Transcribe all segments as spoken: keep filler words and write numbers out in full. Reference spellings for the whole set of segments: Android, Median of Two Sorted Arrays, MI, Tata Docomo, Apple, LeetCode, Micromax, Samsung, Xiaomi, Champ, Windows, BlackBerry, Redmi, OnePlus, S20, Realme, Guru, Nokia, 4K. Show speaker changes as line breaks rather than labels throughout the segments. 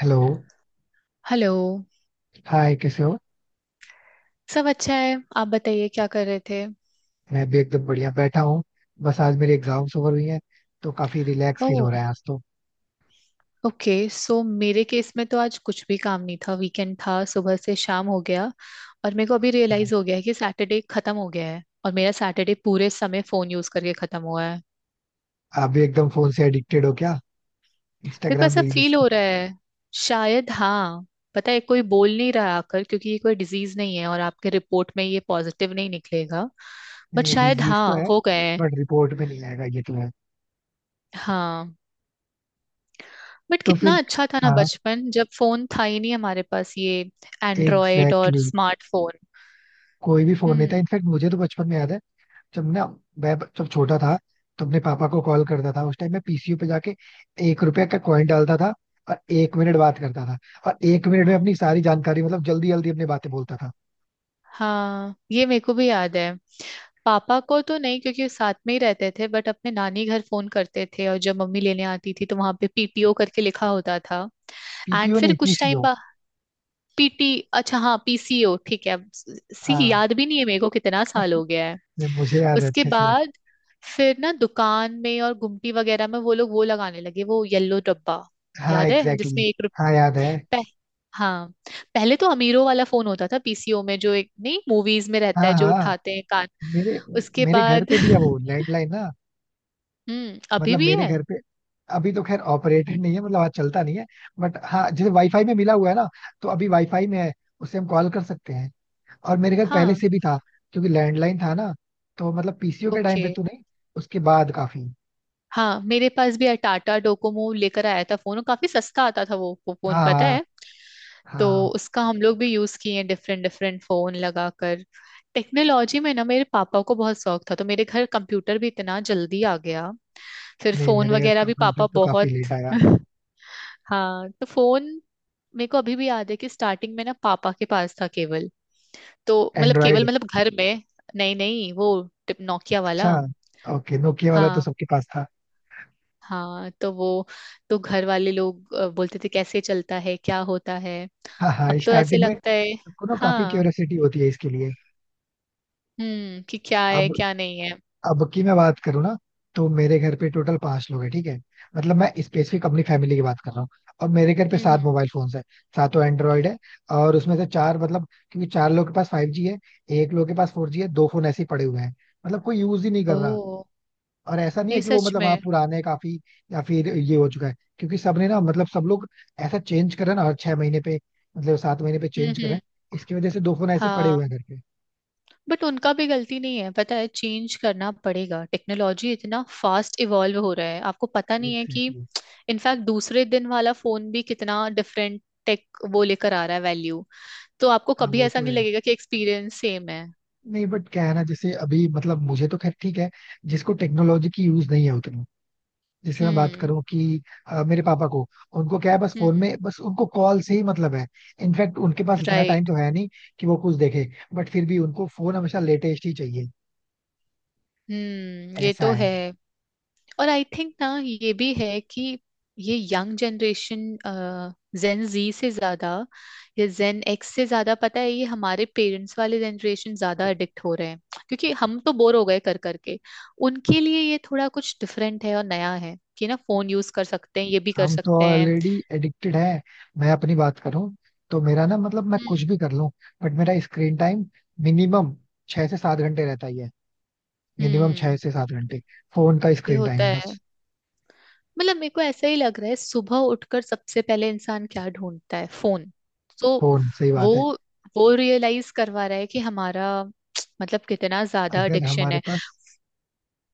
Hello.
Hello.
Hi कैसे हो?
सब अच्छा है, आप बताइए क्या कर रहे थे?
मैं भी एकदम बढ़िया बैठा हूँ। बस आज मेरी एग्जाम्स ओवर हुई हैं तो काफी रिलैक्स फील हो
ओह।
रहा है आज तो।
ओके, सो मेरे केस में तो आज कुछ भी काम नहीं था, वीकेंड था, सुबह से शाम हो गया। और मेरे को अभी रियलाइज हो गया है कि सैटरडे खत्म हो गया है और मेरा सैटरडे पूरे समय फोन यूज करके खत्म हुआ है।
आप भी एकदम फोन से एडिक्टेड हो क्या?
मेरे को
इंस्टाग्राम
ऐसा
रील्स।
फील हो रहा है। शायद हाँ। पता है कोई बोल नहीं रहा आकर क्योंकि ये कोई डिजीज नहीं है और आपके रिपोर्ट में ये पॉजिटिव नहीं निकलेगा। बट
नहीं ये
शायद
डिजीज तो
हाँ
है।
हो गए हैं।
बट रिपोर्ट में नहीं आएगा ये तो है।
हाँ। बट
तो फिर।
कितना अच्छा था ना
हाँ।
बचपन जब फोन था ही नहीं हमारे पास, ये एंड्रॉयड और
एग्जैक्टली exactly.
स्मार्टफोन।
कोई भी फोन नहीं था,
हम्म।
इनफैक्ट मुझे तो बचपन में याद है। जब ना मैं ब- जब छोटा था तो अपने पापा को कॉल करता था, उस टाइम मैं पीसीओ पे जाके एक रुपया का कॉइन डालता था, और एक मिनट बात करता था। और एक मिनट में अपनी सारी जानकारी मतलब जल्दी जल्दी अपनी बातें बोलता था।
हाँ ये मेरे को भी याद है। पापा को तो नहीं क्योंकि वो साथ में ही रहते थे, बट अपने नानी घर फोन करते थे और जब मम्मी लेने आती थी तो वहां पे पी पी ओ करके लिखा होता था। एंड
पीपीओ
फिर
नहीं,
कुछ टाइम
पीसीओ।
बाद, पी टी। अच्छा हाँ, पी सी ओ ठीक है, अब सी
हाँ,
याद भी नहीं है मेरे को, कितना साल हो गया।
ये मुझे याद है
उसके
अच्छे से।
बाद फिर ना दुकान में और गुमटी वगैरह में वो लोग वो लगाने लगे, वो येलो डब्बा।
हाँ
याद है
एग्जैक्टली
जिसमें एक
exactly, हाँ याद है।
रुपए। हाँ। पहले तो अमीरों वाला फोन होता था पी सी ओ में, जो एक नहीं मूवीज में रहता
हाँ
है जो
हाँ।
उठाते हैं कान।
मेरे
उसके
मेरे घर
बाद
पे भी है वो लैंडलाइन ना।
हम्म, अभी
मतलब
भी
मेरे
है।
घर पे अभी तो खैर ऑपरेटेड नहीं है, मतलब आज चलता नहीं है। बट हाँ, जैसे वाईफाई में मिला हुआ है ना, तो अभी वाईफाई में है। उससे हम कॉल कर सकते हैं। और मेरे घर पहले
हाँ।
से भी था, क्योंकि लैंडलाइन था ना। तो मतलब पीसीओ के टाइम
ओके।
पे तो नहीं, उसके बाद काफी।
हाँ मेरे पास भी है, टाटा डोकोमो लेकर आया था फोन और काफी सस्ता आता था वो वो
हाँ
फोन पता
हाँ
है। तो
हाँ।
उसका हम लोग भी यूज किए हैं डिफरेंट डिफरेंट फोन लगाकर। टेक्नोलॉजी में ना मेरे पापा को बहुत शौक था तो मेरे घर कंप्यूटर भी इतना जल्दी आ गया। फिर
नहीं,
फोन
मेरे घर
वगैरह भी
कंप्यूटर
पापा
तो काफी
बहुत।
लेट आया।
हाँ तो फोन, मेरे को अभी भी याद है कि स्टार्टिंग में ना पापा के पास था केवल, तो मतलब
एंड्रॉइड।
केवल मतलब घर में। नहीं नहीं वो, नोकिया
अच्छा।
वाला।
ओके नोकिया वाला तो
हाँ
सबके पास था।
हाँ। तो वो, तो घर वाले लोग अ, बोलते थे कैसे चलता है क्या होता है।
हाँ हाँ,
अब तो ऐसे
स्टार्टिंग में
लगता है।
सबको ना काफी
हाँ।
क्यूरियोसिटी होती है इसके लिए।
हम्म, कि क्या है
अब
क्या नहीं है।
अब की मैं बात करूँ ना, तो मेरे घर पे टोटल पांच लोग हैं, ठीक है। मतलब मैं स्पेसिफिक अपनी फैमिली की बात कर रहा हूँ। और मेरे घर पे
हम्म हम्म।
सात मोबाइल फोन्स है। सातों एंड्रॉइड है। और उसमें से चार, मतलब क्योंकि चार लोग के पास फाइव जी है, एक लोग के पास फोर जी है, दो फोन ऐसे ही पड़े हुए हैं। मतलब कोई यूज ही नहीं कर रहा।
ओह।
और ऐसा नहीं है
नहीं
कि वो
सच
मतलब, हाँ
में।
पुराने काफी, या फिर ये हो चुका है, क्योंकि सबने ना मतलब सब लोग ऐसा चेंज करा ना हर छह महीने पे, मतलब सात महीने पे
हम्म
चेंज करें।
हम्म।
इसकी वजह से दो फोन ऐसे पड़े
हाँ
हुए हैं करके।
बट उनका भी गलती नहीं है, पता है चेंज करना पड़ेगा, टेक्नोलॉजी इतना फास्ट इवॉल्व हो रहा है, आपको पता नहीं है कि।
एग्जैक्टली।
इनफैक्ट दूसरे दिन वाला फोन भी कितना डिफरेंट टेक वो लेकर आ रहा है, वैल्यू। तो आपको
हाँ
कभी
वो
ऐसा
तो
नहीं
है।
लगेगा कि एक्सपीरियंस सेम है।
नहीं बट क्या है ना, जैसे अभी मतलब मुझे तो खैर ठीक है, जिसको टेक्नोलॉजी की यूज नहीं है उतना। जैसे मैं बात
हम्म
करूं कि अ, मेरे पापा को, उनको क्या है बस
हम्म
फोन
हम्म।
में, बस उनको कॉल से ही मतलब है। इनफैक्ट उनके पास इतना टाइम
राइट।
तो है नहीं कि वो कुछ देखे, बट फिर भी उनको फोन हमेशा लेटेस्ट ही चाहिए।
हम्म, ये
ऐसा
तो
है।
है। और आई थिंक ना ये भी है कि ये यंग जनरेशन, जेन जी से ज्यादा, या जेन एक्स से ज्यादा, पता है ये हमारे पेरेंट्स वाले जनरेशन ज्यादा एडिक्ट हो रहे हैं। क्योंकि हम तो बोर हो गए कर करके। उनके लिए ये थोड़ा कुछ डिफरेंट है और नया है कि ना फोन यूज कर सकते हैं, ये भी कर
हम तो
सकते हैं।
ऑलरेडी एडिक्टेड हैं। मैं अपनी बात करूं तो मेरा ना, मतलब मैं
हम्म
कुछ भी कर लूं, बट मेरा स्क्रीन टाइम मिनिमम छह से सात घंटे रहता ही है। मिनिमम छह
हम्म।
से सात घंटे फोन का
ये
स्क्रीन
होता
टाइम
है।
बस।
मतलब मेरे को ऐसा ही लग रहा है, सुबह उठकर सबसे पहले इंसान क्या ढूंढता है? फोन। तो
फोन, सही
वो
बात है।
वो रियलाइज करवा रहा है कि हमारा, मतलब कितना ज्यादा
अगर
एडिक्शन
हमारे
है।
पास,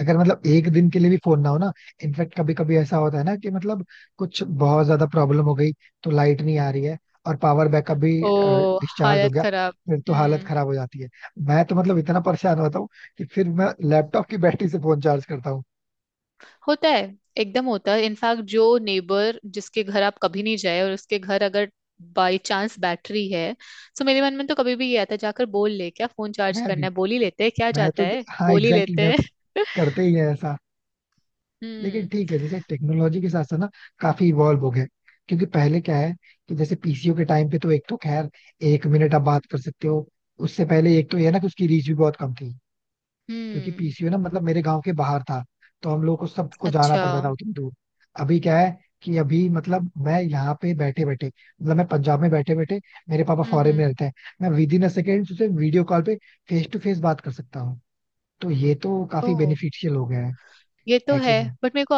अगर मतलब एक दिन के लिए भी फोन ना हो ना, इनफैक्ट कभी कभी ऐसा होता है ना कि मतलब कुछ बहुत ज्यादा प्रॉब्लम हो गई, तो लाइट नहीं आ रही है और पावर बैकअप भी
ओ,
डिस्चार्ज हो
हालत
गया,
खराब।
फिर तो हालत
हम्म।
खराब हो जाती है। मैं तो मतलब इतना परेशान होता हूँ कि फिर मैं लैपटॉप की बैटरी से फोन चार्ज करता हूँ।
होता है, एकदम होता है। इनफैक्ट जो नेबर जिसके घर आप कभी नहीं जाए, और उसके घर अगर बाई चांस बैटरी है, सो मेरे मन में तो कभी भी ये आता है जाकर बोल ले क्या फोन चार्ज
मैं
करना
भी,
है, बोल ही लेते हैं, क्या
मैं
जाता
तो,
है,
हाँ
बोल ही
एग्जैक्टली exactly,
लेते
मैं
हैं।
तो करते ही है ऐसा। लेकिन
हम्म
ठीक है, जैसे टेक्नोलॉजी के साथ साथ ना काफी इवॉल्व हो गए। क्योंकि पहले क्या है, कि जैसे पीसीओ के टाइम पे तो एक तो खैर एक मिनट आप बात कर सकते हो, उससे पहले एक तो ये ना कि उसकी रीच भी बहुत कम थी, क्योंकि
हम्म।
पीसीओ ना मतलब मेरे गांव के बाहर था, तो हम लोग को सबको जाना
अच्छा
पड़ता था
हम्म
उतनी दूर। अभी क्या है, कि अभी मतलब मैं यहाँ पे बैठे बैठे, मतलब मैं पंजाब में बैठे बैठे, मेरे पापा फॉरेन
हम्म।
में रहते हैं, मैं विद इन अ सेकेंड उसे वीडियो कॉल पे फेस टू फेस बात कर सकता हूँ। तो ये तो काफी
ओ,
बेनिफिशियल हो गया है
ये तो
है कि
है।
नहीं।
बट मेरे को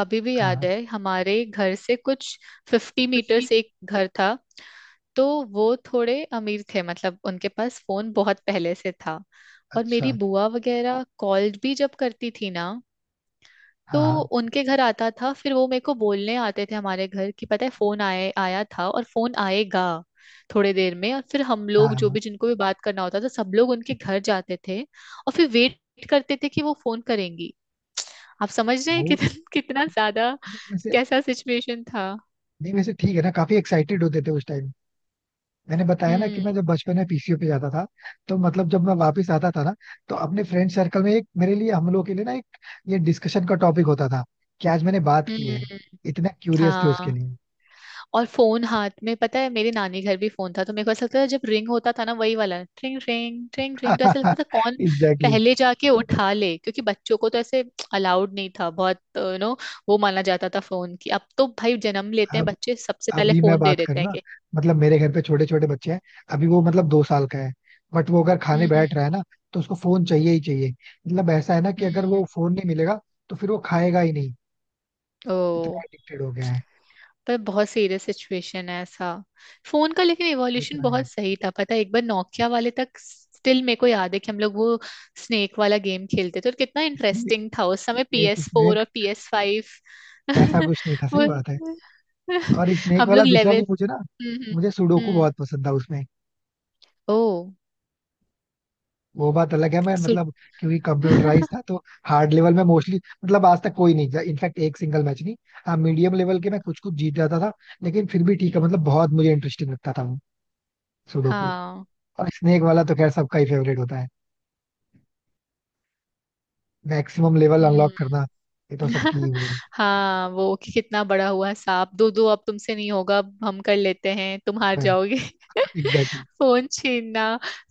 अभी भी याद
हाँ।
है, हमारे घर से कुछ फिफ्टी मीटर्स एक घर था, तो वो थोड़े अमीर थे मतलब उनके पास फोन बहुत पहले से था। और मेरी
अच्छा।
बुआ वगैरह कॉल भी जब करती थी ना, तो
हाँ
उनके घर आता था, फिर वो मेरे को बोलने आते थे हमारे घर कि पता है फोन आए आया था, और फोन आएगा थोड़े देर में, और फिर हम
हाँ हाँ।
लोग जो
हाँ
भी जिनको भी बात करना होता था सब लोग उनके घर जाते थे और फिर वेट करते थे कि वो फोन करेंगी। आप समझ रहे हैं
वो।
कितना कितना ज्यादा,
नहीं वैसे,
कैसा सिचुएशन था।
नहीं वैसे ठीक है ना, काफी एक्साइटेड होते थे उस टाइम। मैंने बताया ना कि
हम्म
मैं जब बचपन में पीसीओ पे जाता था, तो मतलब जब मैं वापस आता था ना, तो अपने फ्रेंड सर्कल में एक, मेरे लिए हम लोग के लिए ना एक ये डिस्कशन का टॉपिक होता था, कि आज मैंने बात की है।
हम्म।
इतना क्यूरियस थे उसके
हाँ,
लिए।
और फोन हाथ में, पता है मेरे नानी घर भी फोन था तो मेरे को ऐसा लगता था जब रिंग होता था ना, वही वाला ट्रिंग ट्रिंग ट्रिंग ट्रिंग, तो ऐसा लगता था कौन
एग्जैक्टली
पहले जाके उठा ले, क्योंकि बच्चों को तो ऐसे अलाउड नहीं था बहुत, यू नो वो माना जाता था फोन की। अब तो भाई जन्म लेते हैं
exactly.
बच्चे, सबसे पहले
अभी मैं
फोन दे
बात
देते
करूँ
हैं
ना,
कि।
मतलब मेरे घर पे छोटे छोटे बच्चे हैं, अभी वो मतलब दो साल का है, बट वो अगर खाने
हम्म
बैठ रहा है ना, तो उसको फोन चाहिए ही चाहिए। मतलब ऐसा है ना कि
हम्म हम्म
अगर
हम्म।
वो फोन नहीं मिलेगा तो फिर वो खाएगा ही नहीं।
ओ।
इतना एडिक्टेड हो गया है।
पर बहुत सीरियस सिचुएशन है ऐसा फोन का, लेकिन
ये
इवोल्यूशन
तो है।
बहुत सही था पता है। एक बार नोकिया वाले तक स्टिल मेरे को याद है कि हम लोग वो स्नेक वाला गेम खेलते थे, और कितना
स्नेक,
इंटरेस्टिंग था उस समय। पी
एक
एस फोर
स्नेक,
और पी एस फाइव।
ऐसा कुछ नहीं था, सही
वो,
बात है। और स्नेक
हम
वाला
लोग
दूसरा
लेवल।
वो मुझे ना,
हम्म हम्म
मुझे सुडोकू
हम्म,
बहुत पसंद था उसमें।
ओ।
वो बात अलग है, मैं
सुन,
मतलब क्योंकि कंप्यूटराइज था तो हार्ड लेवल में मोस्टली, मतलब आज तक कोई नहीं जा, इनफैक्ट एक सिंगल मैच नहीं। हाँ, मीडियम लेवल के मैं कुछ कुछ जीत जाता था, लेकिन फिर भी ठीक है, मतलब बहुत मुझे इंटरेस्टिंग लगता था वो सुडोकू।
हाँ।
और स्नेक वाला तो खैर सबका ही फेवरेट होता है। मैक्सिमम लेवल
हम्म।
अनलॉक करना, ये तो सबकी ही वो
हाँ, वो कि कितना बड़ा हुआ सांप, दो दो अब तुमसे नहीं होगा, अब हम कर लेते हैं, तुम
वो
हार
तो है।
जाओगे,
एग्जैक्टली।
फोन छीनना।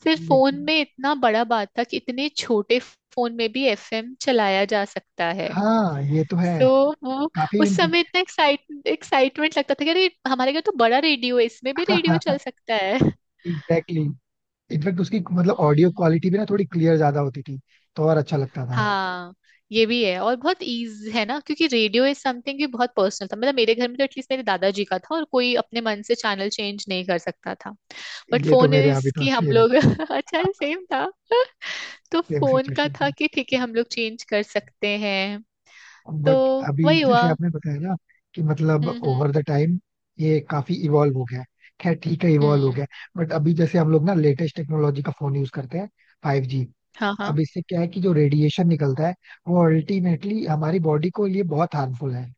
फिर फोन
लेकिन
में इतना बड़ा बात था कि इतने छोटे फोन में भी एफ एम चलाया जा सकता है।
हाँ, ये तो है।
तो वो,
काफी
उस समय इतना एक्साइट, एक्साइटमेंट लगता था कि अरे हमारे घर तो बड़ा रेडियो है, इसमें भी रेडियो चल
इंटरेस्टिंग।
सकता है।
एग्जैक्टली। इनफैक्ट उसकी मतलब ऑडियो
हम्म।
क्वालिटी भी ना थोड़ी क्लियर ज्यादा होती थी, तो और अच्छा लगता था।
हाँ ये भी है, और बहुत ईज है ना, क्योंकि रेडियो इज समथिंग भी बहुत पर्सनल था, मतलब मेरे घर में तो एटलीस्ट मेरे दादाजी का था, और कोई अपने मन से चैनल चेंज नहीं कर सकता था। बट
ये तो
फोन
मेरे यहाँ
इज
भी था
कि हम
सेम।
लोग अच्छा सेम था। तो
सेम
फोन का
सिचुएशन
था
था।
कि ठीक है हम लोग चेंज कर सकते हैं। तो
बट अभी
वही
जैसे
हुआ।
आपने बताया ना, कि मतलब
हम्म
ओवर द टाइम ये काफी इवॉल्व हो गया है। खैर ठीक है
हम्म
इवॉल्व हो
हम्म।
गया है, बट अभी जैसे हम लोग ना लेटेस्ट टेक्नोलॉजी का फोन यूज करते हैं, फाइव जी।
हाँ हाँ।
अब इससे क्या है कि जो रेडिएशन निकल्ता है वो अल्टीमेटली हमारी बॉडी को लिए बहुत हार्मफुल है।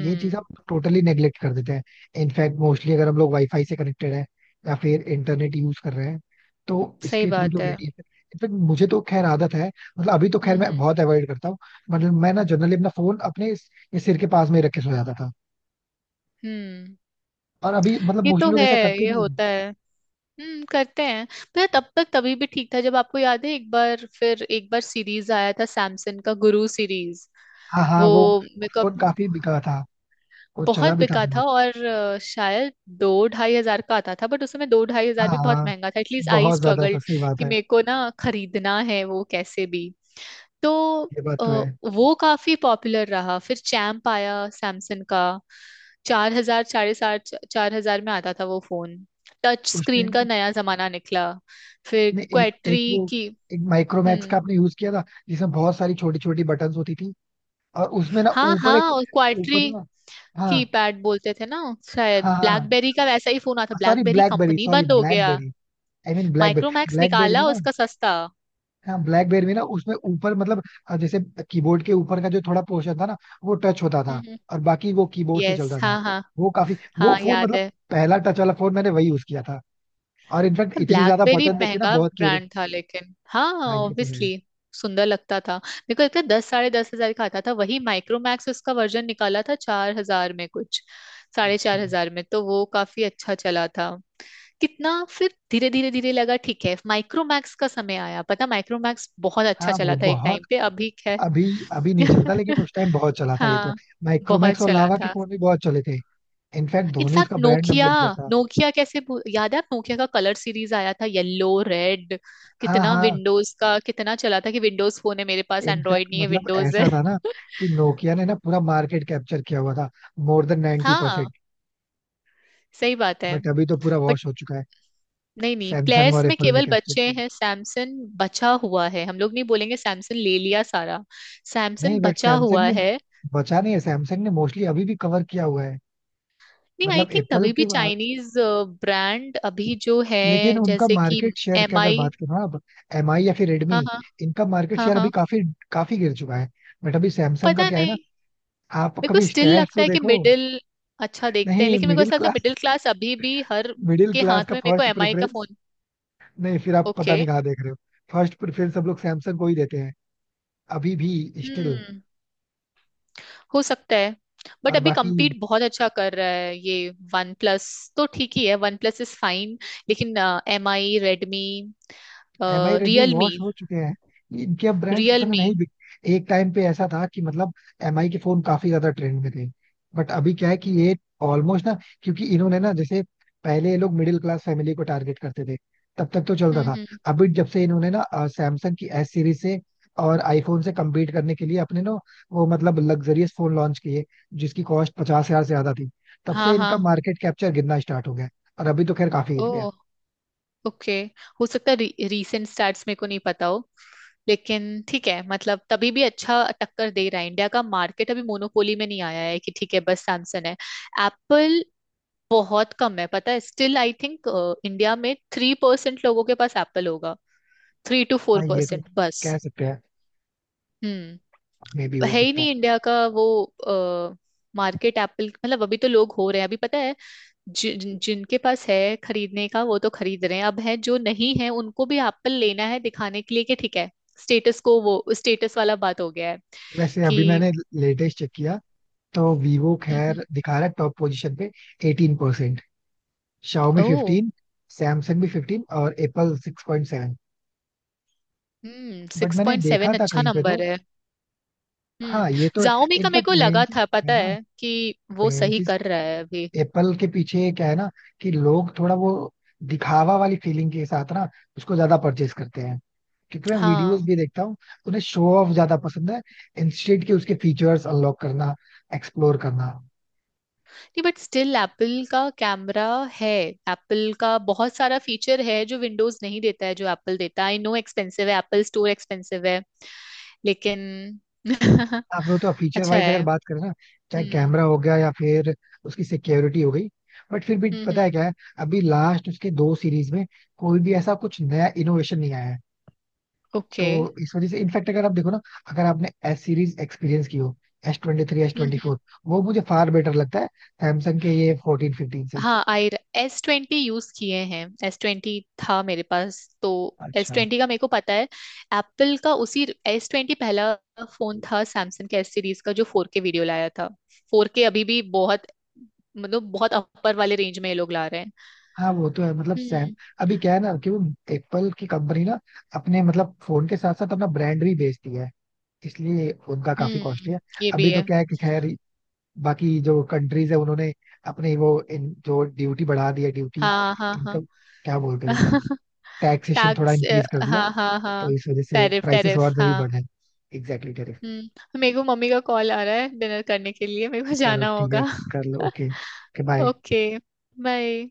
ये चीज हम टोटली नेग्लेक्ट कर देते हैं। इनफैक्ट मोस्टली अगर हम लोग वाईफाई से कनेक्टेड है या फिर इंटरनेट यूज कर रहे हैं, तो
सही
इसके थ्रू जो
बात है।
रेडिएशन, इनफैक्ट मुझे तो खैर आदत है। मतलब अभी तो खैर
हम्म हम्म
मैं बहुत अवॉइड करता हूँ, मतलब मैं ना जनरली अपना फोन अपने इस- ये सिर के पास में ही रख के सो जाता था।
हम्म।
और अभी मतलब
ये
मोस्टली
तो
लोग
है,
ऐसा करते
ये
भी हैं।
होता है। हम्म, करते हैं। पर तब तक तभी भी ठीक था, जब आपको याद है एक बार फिर एक बार सीरीज आया था सैमसंग का, गुरु सीरीज,
हाँ हाँ।
वो
वो
मेरे को।
फोन काफी बिका था। वो चला
बहुत
भी था
बिका था,
बहुत।
और अ, शायद दो ढाई हजार का आता था, बट उस समय दो ढाई हजार
हाँ
भी बहुत
हाँ।
महंगा था, एटलीस्ट आई
बहुत ज्यादा था,
स्ट्रगल्ड
सही बात
कि
है।
मेरे को ना खरीदना है वो कैसे भी। तो
ये बात
अ,
तो है।
वो काफी पॉपुलर रहा। फिर चैम्प आया सैमसंग का, चार हजार साढ़े सात, चार हजार में आता था वो फोन, टच
उस
स्क्रीन
टाइम,
का नया जमाना निकला। फिर
नहीं एक एक
क्वाट्री
वो,
की।
एक माइक्रोमैक्स का
हम्म,
आपने यूज किया था, जिसमें बहुत सारी छोटी छोटी बटन्स होती थी, और उसमें ना
हाँ
ऊपर
हाँ,
एक,
और क्वाट्री
ऊपर ना। हाँ
कीपैड बोलते थे ना, शायद
हाँ हाँ।
ब्लैकबेरी का वैसा ही फोन आता,
sorry
BlackBerry
BlackBerry,
company
sorry
बंद हो गया।
BlackBerry. I mean BlackBerry,
Micromax
BlackBerry
निकाला
में ना।
उसका सस्ता।
हाँ, ब्लैकबेरी में ना उसमें ऊपर मतलब अ, जैसे कीबोर्ड के ऊपर का जो थोड़ा पोर्शन था ना, वो टच होता था,
हम्म।
और बाकी वो कीबोर्ड से
यस
चलता था।
हाँ हाँ।
वो काफी
हाँ
वो फोन
याद
मतलब
है।
पहला टच वाला फोन मैंने वही यूज किया था। और इनफैक्ट इतनी ज्यादा
ब्लैकबेरी
बटन देखे ना,
महंगा
बहुत क्यूरियस।
ब्रांड था, लेकिन हाँ
हाँ, ये तो है।
ऑब्वियसली सुंदर लगता था। मेरे को लगता है दस साढ़े दस हजार का आता था, वही माइक्रोमैक्स उसका वर्जन निकाला था चार हजार में कुछ, साढ़े
अच्छा।
चार हजार में, तो वो काफी अच्छा चला था। कितना फिर धीरे धीरे धीरे लगा ठीक है माइक्रोमैक्स का समय आया, पता, माइक्रोमैक्स बहुत अच्छा
हाँ वो
चला था एक
बहुत।
टाइम पे, अभी खैर
अभी अभी नहीं चलता, लेकिन उस टाइम बहुत चला था, ये तो।
हाँ, बहुत
माइक्रोमैक्स और
चला
लावा के
था।
फोन भी बहुत चले थे। इनफैक्ट धोनी
इनफैक्ट
उसका ब्रांड
नोकिया,
एम्बेसडर था।
नोकिया कैसे भू- याद है आप, नोकिया का कलर सीरीज आया था येलो रेड,
हाँ
कितना
हाँ।
विंडोज का कितना चला था कि विंडोज फोन है मेरे पास,
इनफैक्ट
एंड्रॉयड नहीं है
मतलब
विंडोज है।
ऐसा था ना कि नोकिया ने ना पूरा मार्केट कैप्चर किया हुआ था, मोर देन 90%
हाँ,
परसेंट।
सही बात है।
बट अभी तो पूरा
बट
वॉश हो चुका है।
नहीं नहीं,
सैमसंग
प्लेयर्स
और
में
एप्पल ने
केवल
कैप्चर
बच्चे
किया।
हैं, सैमसंग बचा हुआ है हम लोग, नहीं बोलेंगे सैमसंग ले लिया सारा।
नहीं
सैमसंग
बट
बचा
सैमसंग
हुआ
ने,
है
बचा नहीं है, सैमसंग ने मोस्टली अभी भी कवर किया हुआ है,
नहीं, आई
मतलब
थिंक
एप्पल
तभी भी
के बाद।
चाइनीज ब्रांड, अभी जो है
लेकिन उनका
जैसे कि
मार्केट शेयर की
एम
अगर
आई
बात करो ना अब, एम आई या फिर रेडमी,
हाँ हाँ
इनका मार्केट
हाँ
शेयर अभी
हाँ।
काफी काफी गिर चुका है। बट अभी सैमसंग का
पता
क्या है ना,
नहीं,
आप
मेरे को
कभी
स्टिल
स्टैट्स
लगता
तो
है कि
देखो।
मिडिल, अच्छा देखते हैं।
नहीं
लेकिन मेरे को
मिडिल
ऐसा लगता है
क्लास,
मिडिल क्लास अभी भी हर
मिडिल
के
क्लास
हाथ
का
में मेरे को
फर्स्ट
एम आई का
प्रेफरेंस,
फोन।
नहीं फिर आप पता
ओके।
नहीं कहाँ देख रहे हो। फर्स्ट प्रेफरेंस सब लोग सैमसंग को ही देते हैं, अभी भी स्टिल।
हम्म, हो सकता है, बट
और
अभी
बाकी
compete बहुत अच्छा कर रहा है ये वन प्लस, तो ठीक ही है, वन प्लस इज फाइन। लेकिन M I Redmi,
M I Redmi
Realme,
wash हो चुके हैं, इनके अब ब्रांड्स उतने
रियलमी।
नहीं बिक। एक टाइम पे ऐसा था कि मतलब एम आई के फोन काफी ज्यादा ट्रेंड में थे, बट अभी क्या है कि ये ऑलमोस्ट ना, क्योंकि इन्होंने ना, जैसे पहले ये लोग मिडिल क्लास फैमिली को टारगेट करते थे, तब तक तो चलता
हम्म
था।
हम्म।
अभी जब से इन्होंने ना सैमसंग की एस सीरीज से और आईफोन से compete करने के लिए अपने ना वो मतलब लग्जरियस फोन लॉन्च किए, जिसकी कॉस्ट पचास हजार से ज्यादा थी, तब
हाँ
से
हाँ।
इनका मार्केट कैप्चर गिरना स्टार्ट हो गया है। और अभी तो खैर काफी गिर
ओ
गया।
ओके। हो सकता है री, रीसेंट स्टार्ट्स मेरे को नहीं पता हो, लेकिन ठीक है मतलब तभी भी अच्छा टक्कर दे रहा है इंडिया का मार्केट, अभी मोनोपोली में नहीं आया है कि ठीक है बस सैमसंग है, एप्पल। बहुत कम है पता है, स्टिल आई थिंक इंडिया में थ्री परसेंट लोगों के पास एप्पल होगा, थ्री टू फोर
हाँ ये तो
परसेंट बस।
कह सकते हैं,
हम्म,
मे भी हो
है ही
सकता है।
नहीं इंडिया का वो मार्केट एप्पल, मतलब अभी तो लोग हो रहे हैं अभी पता है, जिन जिनके पास है खरीदने का वो तो खरीद रहे हैं, अब है जो नहीं है उनको भी एप्पल लेना है दिखाने के लिए कि ठीक है। स्टेटस को, वो स्टेटस वाला बात हो गया है
वैसे
कि।
अभी मैंने लेटेस्ट चेक किया, तो वीवो
हम्म।
खैर दिखा रहा है टॉप पोजीशन पे अठारह परसेंट, शाओमी
ओ।
फिफ्टीन, सैमसंग भी फिफ्टीन और Apple six point seven.
Hmm,
but
six
मैंने
पॉइंट
देखा
सेवन
था
अच्छा
कहीं पे तो।
नंबर है।
हाँ, ये तो
हम्म,
है।
जाओमी का मेरे
इनफैक्ट
को
मेन
लगा
चीज
था
है
पता
ना,
है कि वो
मेन
सही
चीज
कर रहा है अभी।
एप्पल के पीछे क्या है ना, कि लोग थोड़ा वो दिखावा वाली फीलिंग के साथ ना उसको ज्यादा परचेज करते हैं, क्योंकि मैं वीडियोस
हाँ,
भी देखता हूँ, उन्हें शो ऑफ ज्यादा पसंद है, इंस्टेड कि उसके फीचर्स अनलॉक करना, एक्सप्लोर करना।
नहीं बट स्टिल एप्पल का कैमरा है। एप्पल का बहुत सारा फीचर है जो विंडोज नहीं देता है जो एप्पल देता है, आई नो एक्सपेंसिव है, एप्पल स्टोर एक्सपेंसिव है लेकिन
आप लोग तो फीचर
अच्छा
वाइज
है।
अगर बात करें ना, चाहे
हम्म
कैमरा हो गया या फिर उसकी सिक्योरिटी हो गई, बट फिर भी
हम्म
पता है
हम्म।
क्या है, अभी लास्ट उसके दो सीरीज में कोई भी ऐसा कुछ नया इनोवेशन नहीं आया है।
ओके।
तो इस वजह से इनफैक्ट अगर आप देखो ना, अगर आपने एस सीरीज एक्सपीरियंस की हो, S twenty three, S
hmm
twenty
hmm.
Four, वो मुझे फार बेटर लगता है सैमसंग के ये फोर्टीन फिफ्टीन से।
हाँ आई, एस ट्वेंटी यूज किए हैं, एस ट्वेंटी था मेरे पास तो, एस
अच्छा।
ट्वेंटी का मेरे को पता है। एप्पल का उसी, एस ट्वेंटी पहला फोन था सैमसंग के एस सीरीज का जो फोर के वीडियो लाया था, फोर के अभी भी बहुत, मतलब बहुत अपर वाले रेंज में ये लोग ला रहे हैं।
हाँ वो तो है मतलब सैम,
हम्म
अभी क्या है ना कि वो एप्पल की कंपनी ना अपने मतलब फोन के साथ साथ अपना ब्रांड भी बेचती है, इसलिए उनका काफी कॉस्टली है।
हम्म, ये
अभी
भी
तो
है।
क्या है कि खैर बाकी जो कंट्रीज है, उन्होंने अपनी वो इन, जो ड्यूटी बढ़ा दी है, ड्यूटी,
हाँ हाँ हाँ।
इनकम, क्या बोलते हैं उसे, टैक्सेशन थोड़ा
टैक्स,
इंक्रीज कर दिया।
हाँ हाँ हाँ।
तो इस वजह से
टैरिफ
प्राइसेस
टैरिफ
और में भी
हाँ।
बढ़े। Exactly exactly, tariff।
हम्म, मेरे को मम्मी का कॉल आ रहा है डिनर करने के लिए, मेरे को
चलो
जाना
ठीक है,
होगा।
कर लो, ओके। बाय।
ओके। बाय।